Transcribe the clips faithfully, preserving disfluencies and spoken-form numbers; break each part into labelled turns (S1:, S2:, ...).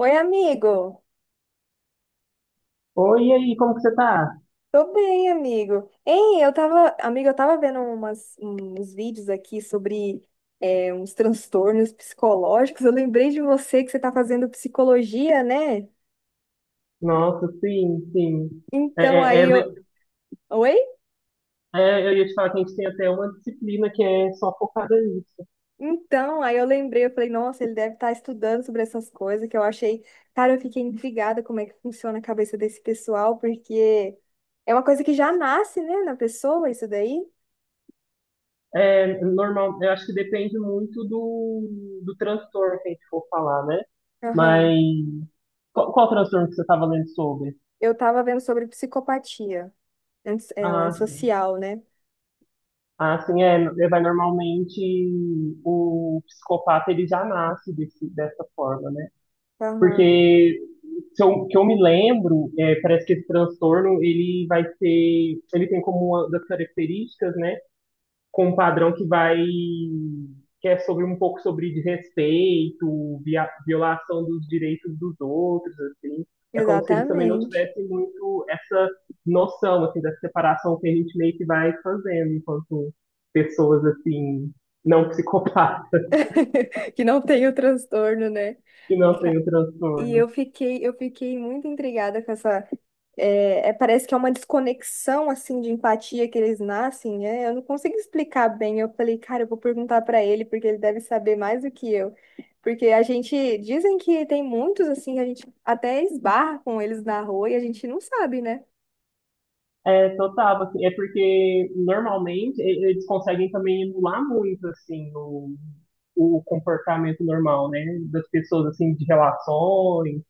S1: Oi, amigo.
S2: Oi, e aí, como que você tá?
S1: Tô bem, amigo. Ei, eu tava, amigo, eu tava vendo umas, uns vídeos aqui sobre é, uns transtornos psicológicos. Eu lembrei de você que você tá fazendo psicologia, né?
S2: Nossa, sim, sim.
S1: Então
S2: É, é, é
S1: aí eu.
S2: le-
S1: Oi?
S2: é, eu ia te falar que a gente tem até uma disciplina que é só focada nisso.
S1: Então, aí eu lembrei, eu falei, nossa, ele deve estar estudando sobre essas coisas que eu achei. Cara, eu fiquei intrigada como é que funciona a cabeça desse pessoal, porque é uma coisa que já nasce, né, na pessoa, isso daí.
S2: É normal, eu acho que depende muito do, do transtorno que a gente for falar, né?
S1: Aham.
S2: Mas qual, qual transtorno que você estava lendo sobre?
S1: Eu tava vendo sobre psicopatia. Antes- É o
S2: Ah, sim.
S1: antissocial, né?
S2: Ah, sim, é, é, vai normalmente o psicopata ele já nasce desse, dessa forma, né?
S1: Aham,
S2: Porque se eu, que eu me lembro, é, parece que esse transtorno ele vai ser, ele tem como uma das características, né, com um padrão que vai que é sobre um pouco sobre desrespeito, via- violação dos direitos dos outros, assim. É como se eles também não
S1: exatamente.
S2: tivessem muito essa noção, assim, da separação que a gente meio que vai fazendo enquanto pessoas, assim, não psicopatas,
S1: Que não tem o transtorno, né?
S2: que não têm
S1: Ca-
S2: o
S1: E
S2: transtorno.
S1: eu fiquei, eu fiquei muito intrigada com essa. É, é, parece que é uma desconexão assim de empatia que eles nascem, né? Eu não consigo explicar bem. Eu falei, cara, eu vou perguntar pra ele, porque ele deve saber mais do que eu. Porque a gente dizem que tem muitos assim, a gente até esbarra com eles na rua e a gente não sabe, né?
S2: É, total, assim, é porque normalmente e- eles conseguem também emular muito, assim, o, o comportamento normal, né, das pessoas, assim, de relações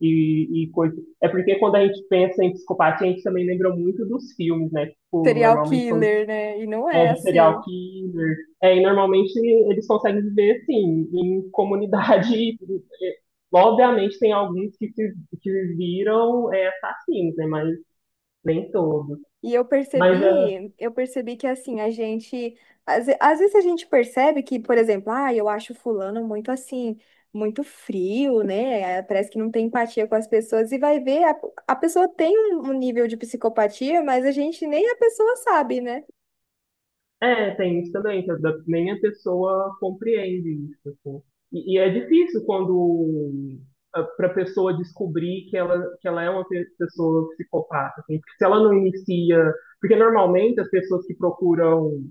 S2: e, e coisas. É porque quando a gente pensa em psicopatia, a gente também lembra muito dos filmes, né, tipo,
S1: Serial
S2: normalmente quando
S1: killer, né? E não
S2: é
S1: é
S2: do serial
S1: assim.
S2: killer, é, e normalmente eles conseguem viver, assim, em comunidade. É, obviamente, tem alguns que se que viram é, assassinos, né? Mas nem todos.
S1: E eu
S2: Mas é,
S1: percebi, eu percebi que assim, a gente, às, ve- às vezes a gente percebe que, por exemplo, ah, eu acho fulano muito assim, muito frio, né? Eh, parece que não tem empatia com as pessoas e vai ver, a, a pessoa tem um, um nível de psicopatia, mas a gente nem a pessoa sabe, né?
S2: É, tem isso também, que às vezes nem a pessoa compreende isso, assim. E, e é difícil quando para a pessoa descobrir que ela, que ela é uma pe- pessoa psicopata, assim, porque se ela não inicia, porque normalmente as pessoas que procuram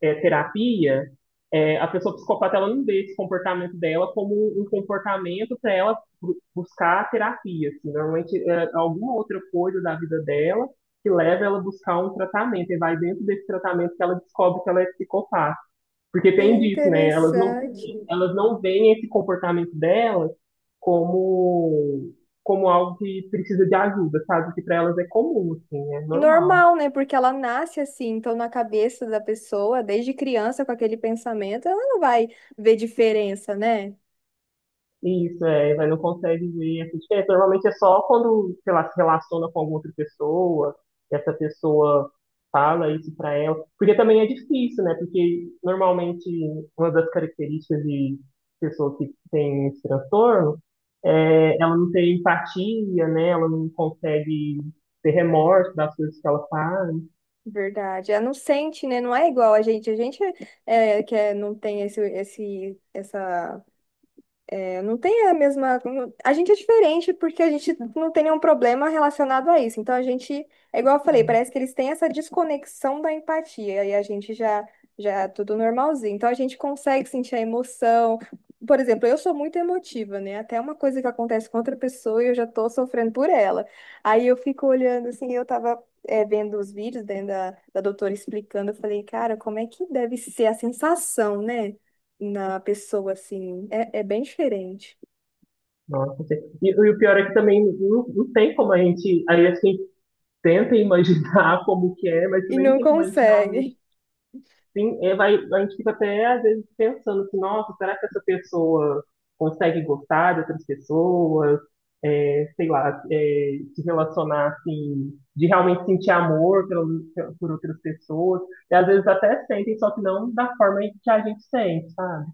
S2: é, terapia, é, a pessoa psicopata ela não vê esse comportamento dela como um comportamento para ela bu- buscar terapia, assim, normalmente é alguma outra coisa da vida dela que leva ela a buscar um tratamento, e vai dentro desse tratamento que ela descobre que ela é psicopata. Porque
S1: É
S2: tem disso, né? Elas não,
S1: interessante.
S2: elas não veem esse comportamento delas como, como algo que precisa de ajuda, sabe? Que para elas é comum, assim, é normal.
S1: Normal, né? Porque ela nasce assim, então na cabeça da pessoa, desde criança com aquele pensamento, ela não vai ver diferença, né?
S2: Isso, é, vai, não consegue ver essa diferença. Normalmente é só quando, sei lá, se relaciona com alguma outra pessoa, que essa pessoa fala isso pra ela. Porque também é difícil, né? Porque normalmente uma das características de pessoas que têm esse transtorno é ela não tem empatia, né? Ela não consegue ter remorso das coisas que ela faz.
S1: Verdade. Ela não sente, né? Não é igual a gente. A gente é, que é, não tem esse, esse, essa é, não tem a mesma. não- A gente é diferente porque a gente não tem nenhum problema relacionado a isso. Então a gente, é igual eu falei,
S2: Hum.
S1: parece que eles têm essa desconexão da empatia e a gente já já é tudo normalzinho. Então a gente consegue sentir a emoção. Por exemplo, eu sou muito emotiva, né? Até uma coisa que acontece com outra pessoa e eu já tô sofrendo por ela. Aí eu fico olhando assim, eu tava é, vendo os vídeos né, da, da doutora explicando, eu falei, cara, como é que deve ser a sensação, né? Na pessoa, assim. É, é bem diferente.
S2: Nossa, sim. e, e o pior é que também não, não tem como a gente, aí assim, tenta imaginar como que é, mas
S1: E
S2: também não
S1: não
S2: tem como a gente realmente,
S1: consegue.
S2: sim, é, vai, a gente fica até às vezes pensando assim, nossa, será que essa pessoa consegue gostar de outras pessoas, é, sei lá, é, se relacionar assim, de realmente sentir amor pelo- por outras pessoas, e às vezes até sentem, só que não da forma que a gente sente, sabe?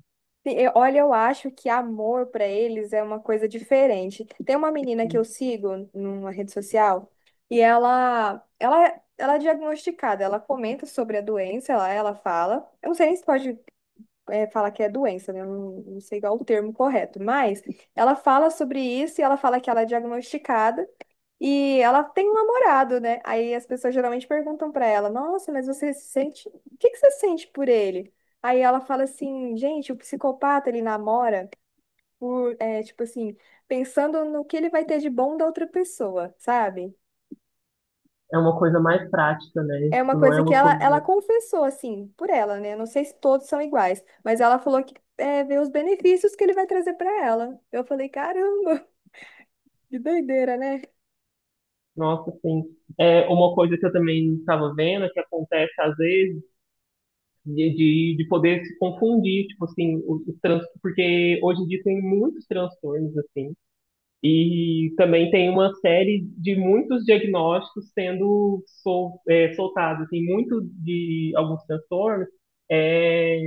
S1: Sim, eu- olha, eu acho que amor pra eles é uma coisa diferente. Tem uma menina que eu sigo numa rede social e ela, ela, ela é diagnosticada, ela comenta sobre a doença, ela, ela fala. Eu não sei nem se pode, é, falar que é doença, né? Eu não, não sei qual o termo correto, mas ela fala sobre isso e ela fala que ela é diagnosticada. E ela tem um namorado, né? Aí as pessoas geralmente perguntam pra ela: "Nossa, mas você se sente. O que que você sente por ele?" Aí ela fala assim: "Gente, o psicopata ele namora por, é, tipo assim, pensando no que ele vai ter de bom da outra pessoa, sabe?"
S2: É uma coisa mais prática, né?
S1: É uma
S2: Tipo, não é
S1: coisa que
S2: uma
S1: ela, ela
S2: coisa.
S1: confessou, assim, por ela, né? Não sei se todos são iguais, mas ela falou que é, vê os benefícios que ele vai trazer pra ela. Eu falei: "Caramba, que doideira, né?"
S2: Nossa, sim. É uma coisa que eu também estava vendo, que acontece às vezes, de, de, de poder se confundir, tipo assim, os, os trans, porque hoje em dia tem muitos transtornos, assim, e também tem uma série de muitos diagnósticos sendo sol, é, soltados. Assim, muito de alguns transtornos é,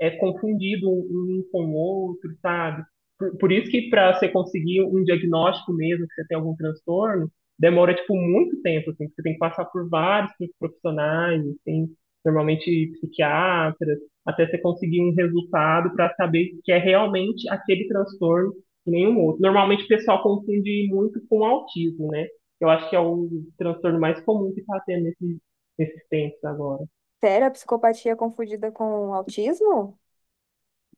S2: é confundido um um com o outro, sabe? Por, por isso que para você conseguir um diagnóstico mesmo, que você tem algum transtorno, demora, tipo, muito tempo, assim. Você tem que passar por vários profissionais, assim, normalmente psiquiatras, até você conseguir um resultado para saber que é realmente aquele transtorno nenhum outro. Normalmente o pessoal confunde muito com autismo, né? Eu acho que é o transtorno mais comum que está tendo nesses, nesses tempos agora.
S1: Sério, a psicopatia é confundida com autismo?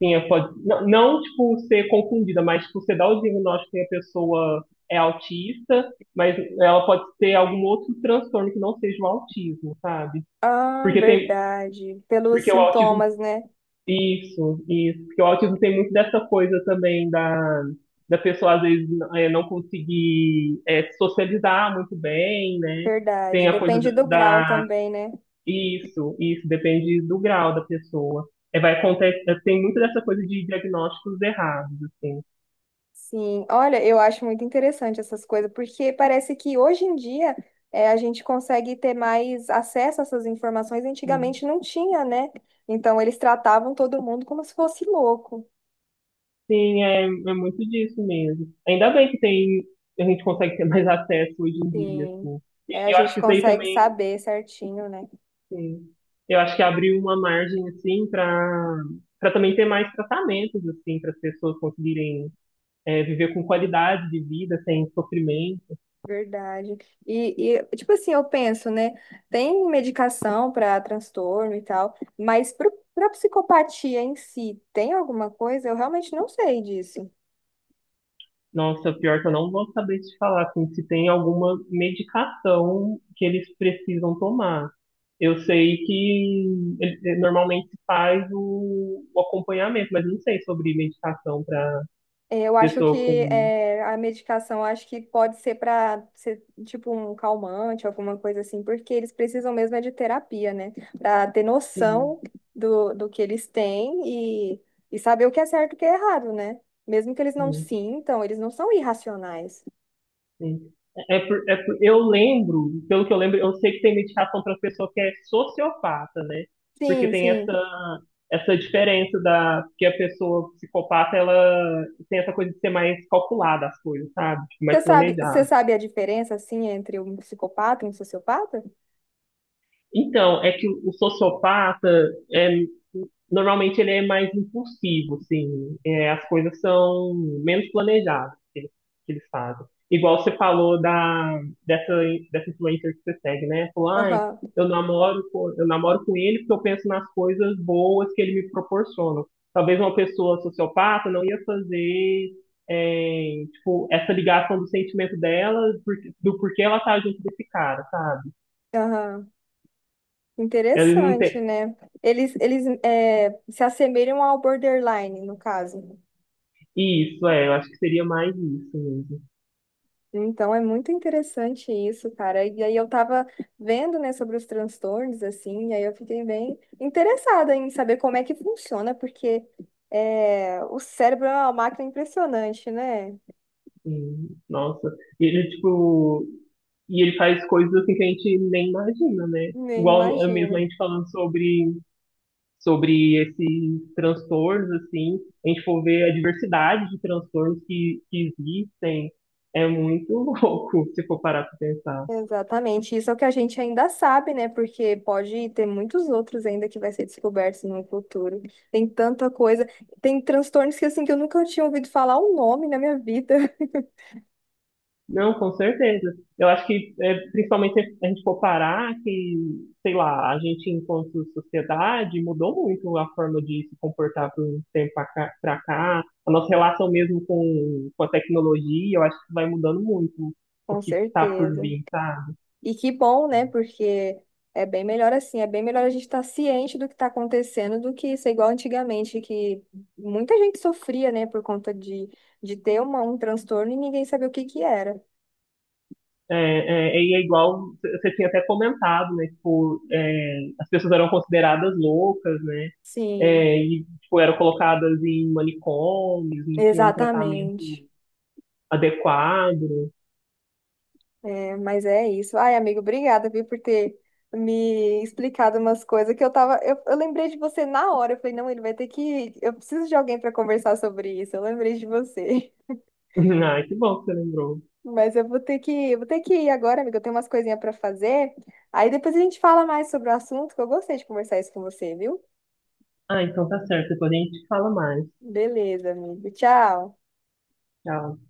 S2: Sim, é, pode, não, não, tipo, ser confundida, mas, tipo, você dá o diagnóstico que a pessoa é autista, mas ela pode ter algum outro transtorno que não seja o autismo, sabe?
S1: Ah,
S2: Porque tem,
S1: verdade. Pelos
S2: porque o autismo.
S1: sintomas, né?
S2: Isso, isso. Porque o autismo tem muito dessa coisa também da, da pessoa, às vezes, é, não conseguir é, se socializar muito bem, né?
S1: Verdade.
S2: Tem a coisa
S1: Depende
S2: da,
S1: do grau
S2: da-
S1: também, né?
S2: Isso, isso. Depende do grau da pessoa. É, vai acontecer, tem muito dessa coisa de diagnósticos errados, assim.
S1: Sim. Olha, eu acho muito interessante essas coisas, porque parece que hoje em dia é, a gente consegue ter mais acesso a essas informações.
S2: Sim,
S1: Antigamente não tinha, né? Então eles tratavam todo mundo como se fosse louco.
S2: sim, é, é muito disso mesmo. Ainda bem que tem, a gente consegue ter mais acesso hoje em dia,
S1: Sim.
S2: assim.
S1: É, a
S2: E eu acho
S1: gente
S2: que isso aí
S1: consegue
S2: também.
S1: saber certinho, né?
S2: Sim. Eu acho que abriu uma margem assim para para também ter mais tratamentos assim para as pessoas conseguirem é, viver com qualidade de vida sem sofrimento.
S1: Verdade. E, e, tipo assim, eu penso, né? Tem medicação para transtorno e tal, mas para psicopatia em si, tem alguma coisa? Eu realmente não sei disso.
S2: Nossa, pior é que eu não vou saber te falar assim, se tem alguma medicação que eles precisam tomar. Eu sei que ele- normalmente se faz o, o acompanhamento, mas não sei sobre medicação para
S1: É, eu acho
S2: pessoa
S1: que
S2: com.
S1: é, a medicação eu acho que pode ser para ser tipo um calmante, alguma coisa assim, porque eles precisam mesmo é de terapia, né? Para ter noção do, do que eles têm e, e saber o que é certo e o que é errado, né? Mesmo que eles não
S2: Sim.
S1: sintam, eles não são irracionais.
S2: Sim. É é por, é por- eu lembro, pelo que eu lembro, eu sei que tem medicação para pessoa que é sociopata, né? Porque
S1: Sim,
S2: tem
S1: sim.
S2: essa, essa diferença da que a pessoa psicopata ela tem essa coisa de ser mais calculada as coisas, sabe? Tipo,
S1: Você
S2: mais
S1: sabe, você
S2: planejada.
S1: sabe a diferença, assim, entre um psicopata e um sociopata?
S2: Então, é que o o sociopata é, normalmente ele é mais impulsivo, assim, é, as coisas são menos planejadas que eles, que eles fazem. Igual você falou da dessa dessa influencer que você segue, né? Falou, ai,
S1: Aham,
S2: eu namoro com, eu namoro com ele porque eu penso nas coisas boas que ele me proporciona. Talvez uma pessoa sociopata não ia fazer é, tipo, essa ligação do sentimento dela, por- do porquê ela tá junto desse cara, sabe?
S1: aham.
S2: Ela não
S1: Interessante,
S2: tem,
S1: né? Eles, eles é, se assemelham ao borderline, no caso.
S2: isso, é, eu acho que seria mais isso mesmo.
S1: Então, é muito interessante isso, cara. E aí eu tava vendo, né, sobre os transtornos, assim, e aí eu fiquei bem interessada em saber como é que funciona, porque é, o cérebro é uma máquina impressionante, né?
S2: Sim, nossa. E ele, tipo, e ele faz coisas assim que a gente nem imagina, né?
S1: Nem
S2: Igual eh, mesmo
S1: imagino.
S2: a gente falando sobre, sobre esses transtornos, assim, a gente for ver a diversidade de transtornos que, que existem, é muito louco se for parar pra pensar.
S1: Exatamente, isso é o que a gente ainda sabe, né? Porque pode ter muitos outros ainda que vai ser descobertos no futuro. Tem tanta coisa, tem transtornos que assim que eu nunca tinha ouvido falar o nome na minha vida.
S2: Não, com certeza. Eu acho que, é, principalmente se a gente for parar, que, sei lá, a gente, enquanto sociedade, mudou muito a forma de se comportar por um tempo pra cá. pra cá. A nossa relação mesmo com, com a tecnologia, eu acho que vai mudando muito o
S1: Com
S2: que está por
S1: certeza.
S2: vir, sabe?
S1: E que bom, né? Porque é bem melhor assim, é bem melhor a gente estar ciente do que está acontecendo do que ser igual antigamente, que muita gente sofria, né, por conta de, de ter uma, um transtorno e ninguém sabia o que que era.
S2: É, é, e é igual, c- você tinha até comentado, né? Tipo, é, as pessoas eram consideradas loucas, né?
S1: Sim,
S2: É, e, tipo, eram colocadas em manicômios, não tinham tratamento
S1: exatamente.
S2: adequado.
S1: Mas é isso. Ai, amigo, obrigada, viu, por ter me explicado umas coisas que eu tava. Eu, eu lembrei de você na hora. Eu falei, não, ele vai ter que. Eu preciso de alguém para conversar sobre isso. Eu lembrei de você.
S2: Ah, que bom que você lembrou.
S1: Mas eu vou ter que, vou ter que ir agora, amiga. Eu tenho umas coisinhas para fazer. Aí depois a gente fala mais sobre o assunto, que eu gostei de conversar isso com você, viu?
S2: Ah, então tá certo. Depois a gente fala mais.
S1: Beleza, amigo. Tchau.
S2: Tchau.